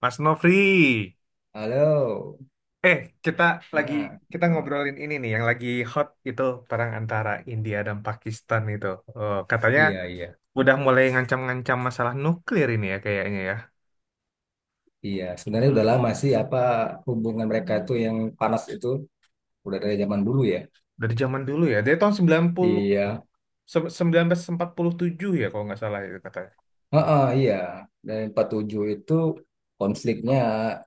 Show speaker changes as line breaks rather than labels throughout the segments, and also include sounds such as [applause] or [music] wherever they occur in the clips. Mas Nofri,
Halo,
eh kita lagi
mana?
kita
Gama?
ngobrolin ini nih yang lagi hot itu, perang antara India dan Pakistan itu. Oh, katanya
Iya, iya.
udah mulai ngancam-ngancam masalah nuklir ini ya kayaknya ya.
Iya, sebenarnya udah lama sih apa hubungan mereka tuh yang panas itu udah dari zaman dulu ya.
Dari zaman dulu ya, dari tahun 90
Iya.
se- seribu sembilan ratus empat puluh tujuh ya kalau nggak salah itu katanya.
Heeh, iya. Dan 47 itu konfliknya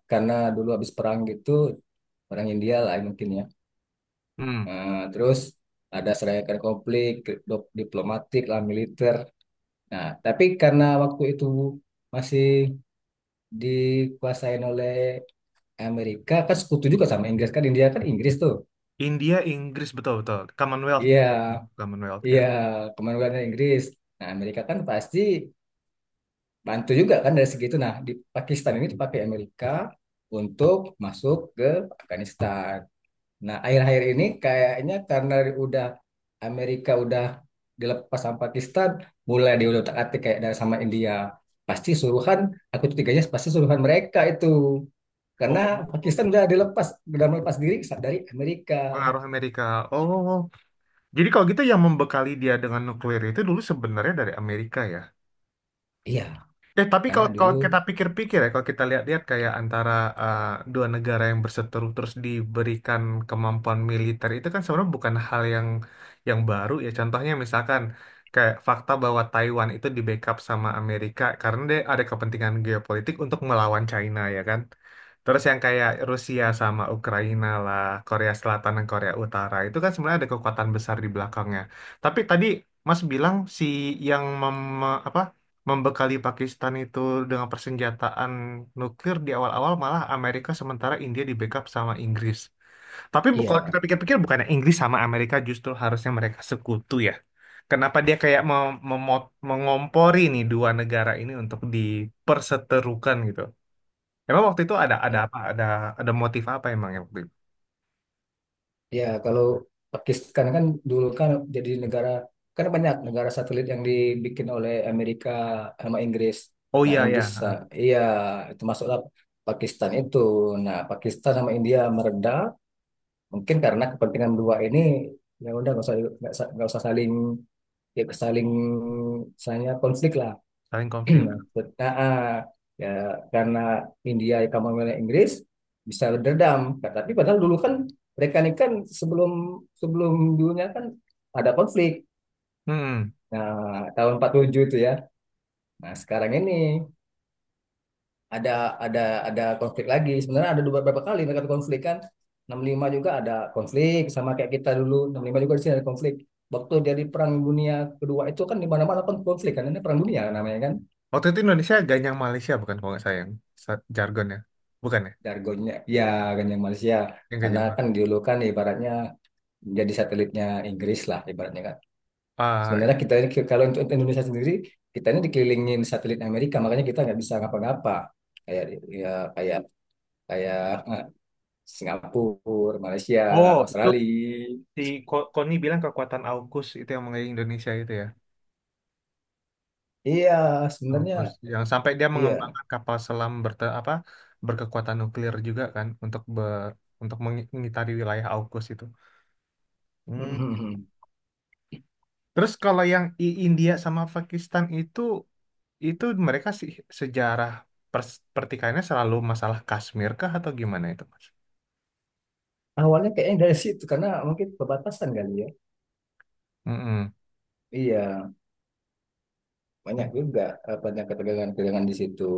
karena dulu habis perang gitu, perang India lah mungkin ya.
Hmm.
Terus ada serangkaian konflik diplomatik lah militer. Nah, tapi karena waktu itu masih dikuasain oleh Amerika, kan sekutu juga sama Inggris, kan India kan Inggris tuh.
India, Inggris betul-betul. Commonwealth
Iya,
ya. Commonwealth ya.
iya, Kemanusiaan Inggris. Nah, Amerika kan pasti bantu juga kan dari segitu. Nah, di Pakistan ini dipakai Amerika untuk masuk ke Afghanistan. Nah, akhir-akhir ini kayaknya karena udah Amerika udah dilepas sama Pakistan, mulai dia udah otak-atik kayak dari sama India. Pasti suruhan, aku tuh tiganya pasti suruhan mereka itu.
Oh,
Karena Pakistan udah dilepas, udah melepas diri dari Amerika.
pengaruh Amerika. Oh, jadi kalau gitu yang membekali dia dengan nuklir itu dulu sebenarnya dari Amerika ya.
Iya,
Tapi
karena
kalau
dulu
kalau kita pikir-pikir ya, kalau kita lihat-lihat kayak antara eh, dua negara yang berseteru terus diberikan kemampuan militer itu kan sebenarnya bukan hal yang baru ya. Contohnya misalkan kayak fakta bahwa Taiwan itu di backup sama Amerika karena dia ada kepentingan geopolitik untuk melawan China ya kan. Terus yang kayak Rusia sama Ukraina lah, Korea Selatan dan Korea Utara itu kan sebenarnya ada kekuatan besar di belakangnya. Tapi tadi Mas bilang si yang apa membekali Pakistan itu dengan persenjataan nuklir di awal-awal malah Amerika, sementara India di backup sama Inggris. Tapi kalau kita
iya.
pikir-pikir bukannya Inggris sama Amerika justru harusnya mereka sekutu ya. Kenapa dia kayak mengompori nih dua negara ini untuk diperseterukan gitu. Emang waktu itu ada apa? Ada motif apa emang yang waktu itu?
Ya, kalau Pakistan kan dulu kan jadi negara, kan banyak negara satelit yang dibikin oleh Amerika sama Inggris.
Oh
Nah,
iya ya,
Inggris,
ah,
ah, iya, itu masuklah Pakistan itu. Nah, Pakistan sama India mereda, mungkin karena kepentingan dua ini, ya udah nggak usah nggak usah saling ya saling misalnya konflik lah.
saling konflik.
Maksud- ah, ah. Ya, karena India kamu milih Inggris bisa berdendam. Nah, tapi padahal dulu kan mereka ini kan sebelum sebelum dulunya kan ada konflik.
Hmm.
Nah, tahun 47 itu ya. Nah, sekarang ini ada ada ada konflik lagi. Sebenarnya ada beberapa kali mereka konflik kan. 65 juga ada konflik sama kayak kita dulu. 65 juga di sini ada konflik. Waktu dari Perang Dunia Kedua itu kan di mana-mana kan konflik kan. Ini Perang Dunia namanya kan.
Waktu itu Indonesia ganyang Malaysia bukan kalau nggak sayang jargonnya. Bukan ya?
Jargonnya ya ganyang Malaysia,
Yang
karena
ganyang
kan
Malaysia.
dulu kan ibaratnya jadi satelitnya Inggris lah ibaratnya kan.
Ah,
Sebenarnya
itu.
kita ini kalau untuk Indonesia sendiri, kita ini dikelilingin satelit Amerika, makanya kita nggak bisa ngapa-ngapa, kayak ya kayak kayak eh, Singapura, Malaysia,
Oh, itu.
Australia.
Si Koni bilang kekuatan AUKUS itu yang mengenai Indonesia itu ya.
Iya, sebenarnya
AUKUS yang sampai dia
iya.
mengembangkan kapal selam berte apa berkekuatan nuklir juga kan untuk mengitari wilayah AUKUS itu. Hmm.
[laughs]
Terus kalau yang India sama Pakistan itu mereka sih sejarah pertikaiannya selalu masalah Kashmir kah atau gimana itu, Mas?
Awalnya kayaknya dari situ, karena mungkin perbatasan kali ya.
Mm-mm.
Iya, banyak
Mm-mm.
juga. Banyak ketegangan-ketegangan di situ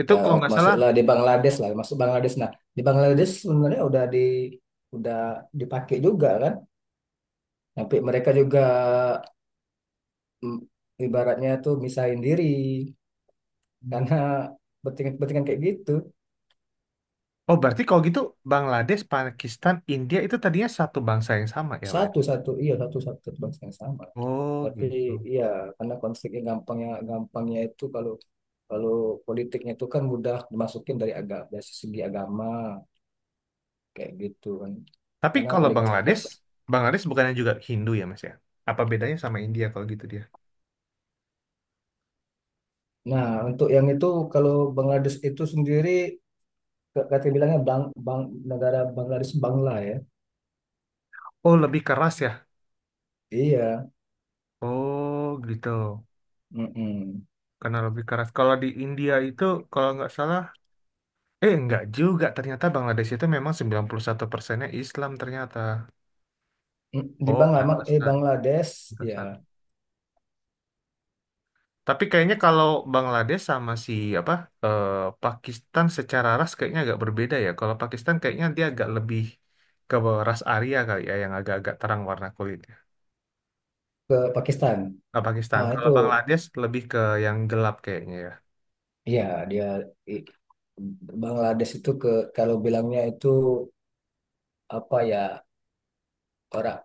Itu
ya.
kalau nggak salah.
Masuklah di Bangladesh lah, masuk Bangladesh. Nah, di Bangladesh sebenarnya udah di udah dipakai juga kan, tapi mereka juga mm, ibaratnya tuh misahin diri
Hmm.
karena bertingan-bertingan kayak gitu.
Oh, berarti kalau gitu Bangladesh, Pakistan, India itu tadinya satu bangsa yang sama ya berarti?
Satu satu iya, satu satu bangsa yang sama
Oh
tapi
gitu.
iya, karena konfliknya gampangnya, gampangnya itu kalau kalau politiknya itu kan mudah dimasukin dari agama, dari segi agama, kayak gitu kan.
Tapi
Karena
kalau
paling
Bangladesh bukannya juga Hindu ya Mas ya? Apa bedanya sama India kalau gitu dia?
nah, untuk yang itu kalau Bangladesh itu sendiri, kata bilangnya bang, bang, negara Bangladesh Bangla ya.
Oh lebih keras ya?
Iya.
Oh gitu.
Mm-mm.
Karena lebih keras. Kalau di India itu kalau nggak salah, nggak juga. Ternyata Bangladesh itu memang 91%-nya Islam ternyata.
Mm, di
Oh pantesan,
Bangladesh ya
pantesan. Tapi kayaknya kalau Bangladesh sama si apa eh, Pakistan secara ras kayaknya agak berbeda ya. Kalau Pakistan kayaknya dia agak lebih ke ras Arya kali ya, yang agak-agak terang warna kulit.
ke Pakistan.
Nggak Pakistan.
Ah
Kalau
itu
Bangladesh lebih ke yang gelap kayaknya ya.
ya dia i- Bangladesh itu ke kalau bilangnya itu apa ya, orang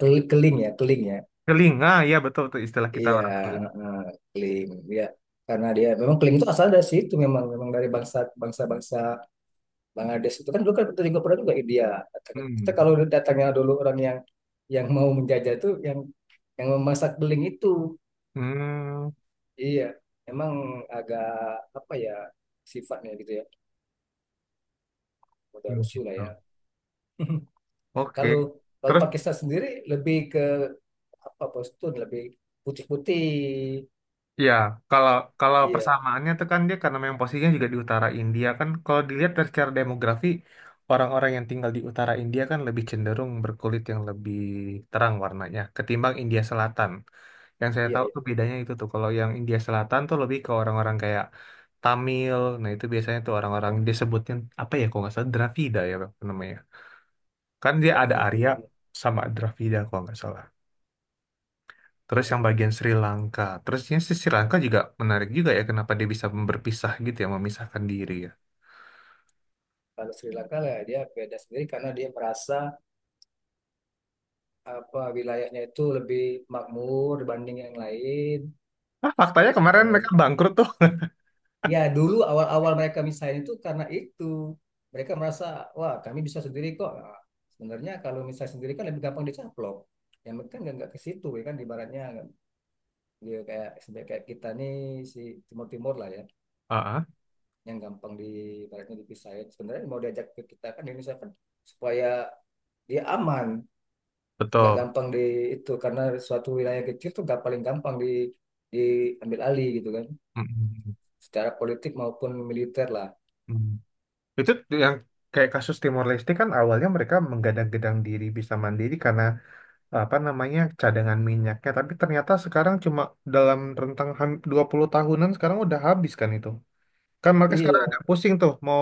keling ya, keling ya.
Keling, ah iya betul tuh istilah kita
Iya,
orang keling.
eh, keling ya. Karena dia memang keling itu asal dari situ, memang memang dari bangsa bangsa-bangsa Bangladesh itu kan dulu kan kita juga pernah juga India.
Hmm.
Kita kalau datangnya dulu orang yang mau menjajah itu yang memasak beling itu
Hmm,
iya, emang agak apa ya sifatnya gitu ya, udah rusuh lah ya.
gitu.
[laughs]
Oke.
kalau kalau
Terus
Pakistan sendiri lebih ke apa postur lebih putih-putih.
ya kalau kalau
iya
persamaannya tuh kan dia karena memang posisinya juga di utara India kan, kalau dilihat dari secara demografi, orang-orang yang tinggal di utara India kan lebih cenderung berkulit yang lebih terang warnanya ketimbang India Selatan. Yang saya
iya
tahu
iya
tuh bedanya itu tuh kalau yang India Selatan tuh lebih ke orang-orang kayak Tamil. Nah, itu biasanya tuh orang-orang disebutnya apa ya, kalau nggak salah Dravida ya Bang, namanya. Kan dia ada
iya
Arya
iya
sama Dravida kalau nggak salah. Terus
iya.
yang bagian Sri Lanka. Terusnya si Sri Lanka juga menarik juga ya, kenapa dia bisa berpisah gitu ya, memisahkan diri ya.
Kalau Sri Lanka lah dia beda sendiri karena dia merasa apa wilayahnya itu lebih makmur dibanding yang lain.
Ah faktanya
Nah
kemarin mereka
kemudian
bangkrut tuh.
ya, dulu awal-awal mereka misalnya itu karena itu. Mereka merasa, wah kami bisa sendiri kok. Nah, sebenarnya kalau misalnya sendiri kan lebih gampang dicaplok. Ya mereka kan nggak ke situ ya kan ibaratnya dia kayak sebenarnya kayak kita nih si timur-timur lah ya,
Ah ah,
yang gampang di ibaratnya dipisahin. Sebenarnya mau diajak ke kita kan di Indonesia kan supaya dia aman, nggak
betul.
gampang di itu karena suatu wilayah kecil tuh nggak paling gampang di diambil alih gitu kan.
Mm-mm.
Secara politik maupun militer lah.
Mm. Mm. Itu yang kayak kasus Timor Leste, kan awalnya mereka menggadang-gadang diri bisa mandiri karena apa namanya cadangan minyaknya, tapi ternyata sekarang cuma dalam rentang 20 tahunan sekarang udah habis kan itu, kan mereka sekarang ada
Iya,
pusing tuh mau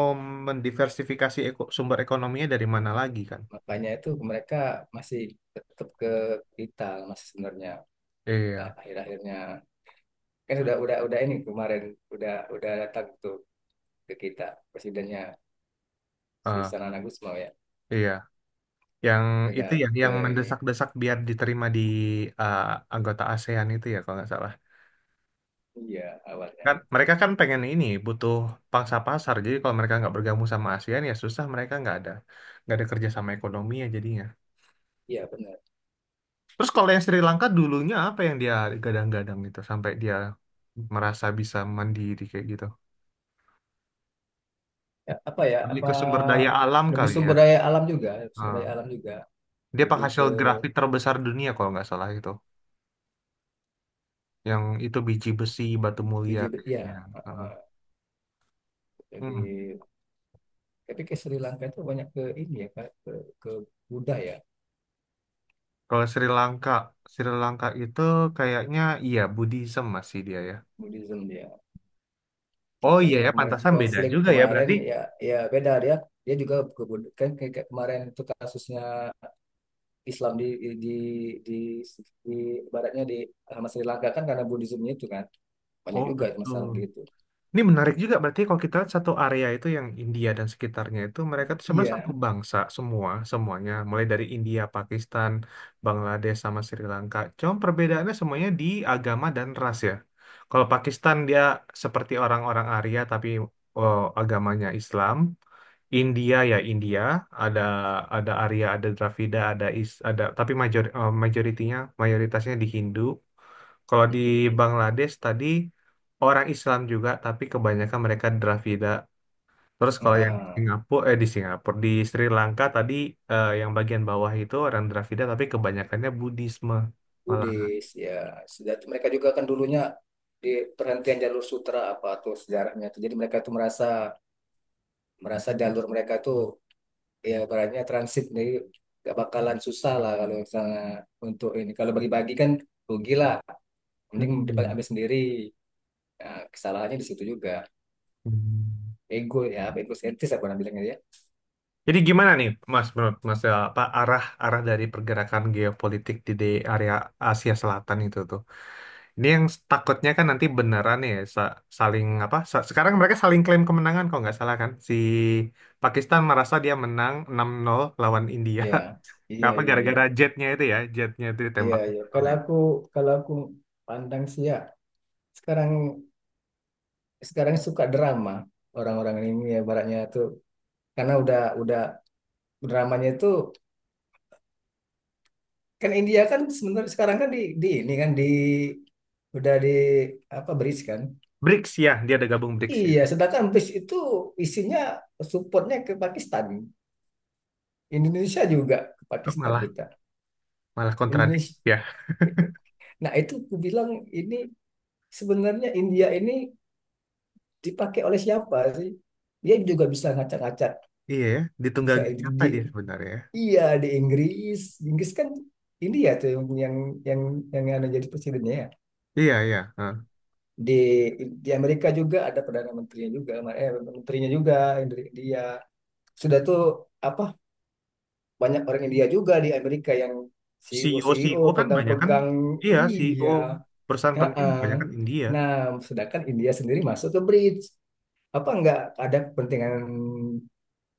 mendiversifikasi sumber ekonominya dari mana lagi kan.
makanya itu mereka masih tetap ke kita masih sebenarnya. Nah,
Iya.
akhir-akhirnya kan udah udah ini kemarin udah datang tuh ke kita presidennya si
eh,
Sanana Gusmao ya
iya yang itu
udah
ya
ke
yang
ini
mendesak-desak biar diterima di eh, anggota ASEAN itu ya kalau nggak salah.
iya awalnya
Kan mereka kan pengen ini butuh pangsa pasar, jadi kalau mereka nggak bergabung sama ASEAN ya susah, mereka nggak ada kerjasama ekonominya jadinya.
iya benar.
Terus kalau yang Sri Lanka dulunya apa yang dia gadang-gadang itu sampai dia merasa bisa mandiri kayak gitu?
Ya, apa ya
Lebih
apa
ke sumber daya alam
lebih
kali ya.
sumber daya alam juga, sumber
Eh,
daya alam juga,
Dia
lebih
penghasil
ke
grafit terbesar dunia kalau nggak salah itu. Yang itu biji besi, batu mulia
biji
kayaknya.
ya. eh,
Eh,
eh,
hmm.
Lebih tapi ke Sri Lanka itu banyak ke ini ya Kak, ke Buddha ya,
Kalau Sri Lanka itu kayaknya iya Buddhism masih dia ya.
Buddhism dia.
Oh
Ini
iya ya,
kemarin
pantasan beda
konflik
juga ya
kemarin
berarti.
ya, ya beda dia, dia juga kan kayak kayak kemarin itu kasusnya Islam di, di baratnya di Mas Sri Lanka kan karena Buddhismenya itu kan banyak
Oh
juga
betul.
masalah gitu.
Ini menarik juga berarti kalau kita lihat satu area itu yang India dan sekitarnya itu mereka tuh sebenarnya
Iya,
satu bangsa semua semuanya, mulai dari India, Pakistan, Bangladesh sama Sri Lanka. Cuma perbedaannya semuanya di agama dan ras ya. Kalau Pakistan dia seperti orang-orang Arya tapi oh, agamanya Islam. India ya India ada ada Arya ada Dravida ada Is ada tapi major eh, majoritinya mayoritasnya di Hindu. Kalau di Bangladesh tadi orang Islam juga tapi kebanyakan mereka Dravida. Terus kalau yang di
heeh.
Singapura eh di Singapura di Sri Lanka tadi, yang bagian bawah itu orang Dravida tapi kebanyakannya Budisme malah.
Buddhis ya, sudah itu mereka juga kan dulunya di perhentian jalur sutra apa tuh sejarahnya tuh. Jadi mereka tuh merasa, merasa jalur mereka tuh ya baratnya transit, jadi gak bakalan susah lah kalau misalnya untuk ini kalau bagi-bagi kan rugi lah, mending dipakai
Hmm.
ambil sendiri. Nah, kesalahannya di situ juga,
Hmm.
ego ya apa ego sentis apa orang bilangnya ya.
Jadi gimana nih, Mas, menurut Mas, apa arah arah dari pergerakan geopolitik di area Asia Selatan itu tuh? Ini yang takutnya kan nanti beneran ya saling apa? Sekarang mereka saling klaim kemenangan kok nggak salah kan? Si Pakistan merasa dia menang 6-0 lawan India. [laughs]
ya iya
Apa
iya iya
gara-gara jetnya itu ya? Jetnya itu
iya
ditembak.
iya Kalau aku pandang sih ya, sekarang sekarang suka drama orang-orang ini ya baratnya tuh, karena udah dramanya itu kan. India kan sebenarnya sekarang kan di ini kan di udah di apa bridge kan.
BRICS ya, dia ada gabung BRICS ya.
Iya, sedangkan bis itu isinya supportnya ke Pakistan. Indonesia juga ke
Kok
Pakistan
malah
kita.
malah kontradik
Indonesia.
ya?
Nah, itu aku bilang ini sebenarnya India ini dipakai oleh siapa sih? Dia juga bisa ngacak-ngacak,
Iya ya,
bisa
ditunggangi siapa dia sebenarnya? Ya?
iya di Inggris. Inggris kan India tuh yang yang anu jadi presidennya ya.
Iya iya. Heeh.
Di di Amerika juga ada perdana menterinya juga, eh, menterinya juga India. Sudah tuh apa banyak orang India juga di Amerika yang CEO,
CEO
CEO
CEO kan banyak kan?
pegang-pegang
Iya CEO
iya
perusahaan penting
heeh.
banyak kan India.
Nah sedangkan India sendiri masuk ke bridge apa nggak ada kepentingan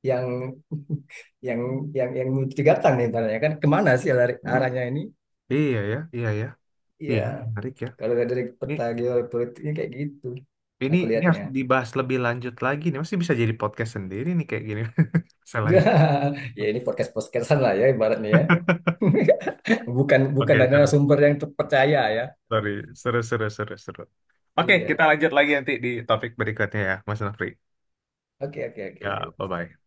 yang [laughs] yang yang mencurigakan nih ibaratnya kan kemana sih lari, arahnya ini
Iya ya, iya ya,
iya.
iya menarik ya.
Kalau lihat dari
Ini
peta geopolitiknya kayak gitu aku
Ini
lihatnya
harus dibahas lebih lanjut lagi nih. Masih bisa jadi podcast sendiri nih kayak gini. [laughs] Salah
[laughs]
ya.
ya ini podcast podcastan lah ya ibaratnya ya. [laughs] bukan bukan
Oke,
dari
seru.
sumber yang terpercaya ya.
Sorry. Seru, seru, seru, seru. Oke, kita
Iya,
lanjut lagi nanti di topik berikutnya ya, Mas Nafri.
oke oke
Ya,
oke
bye-bye.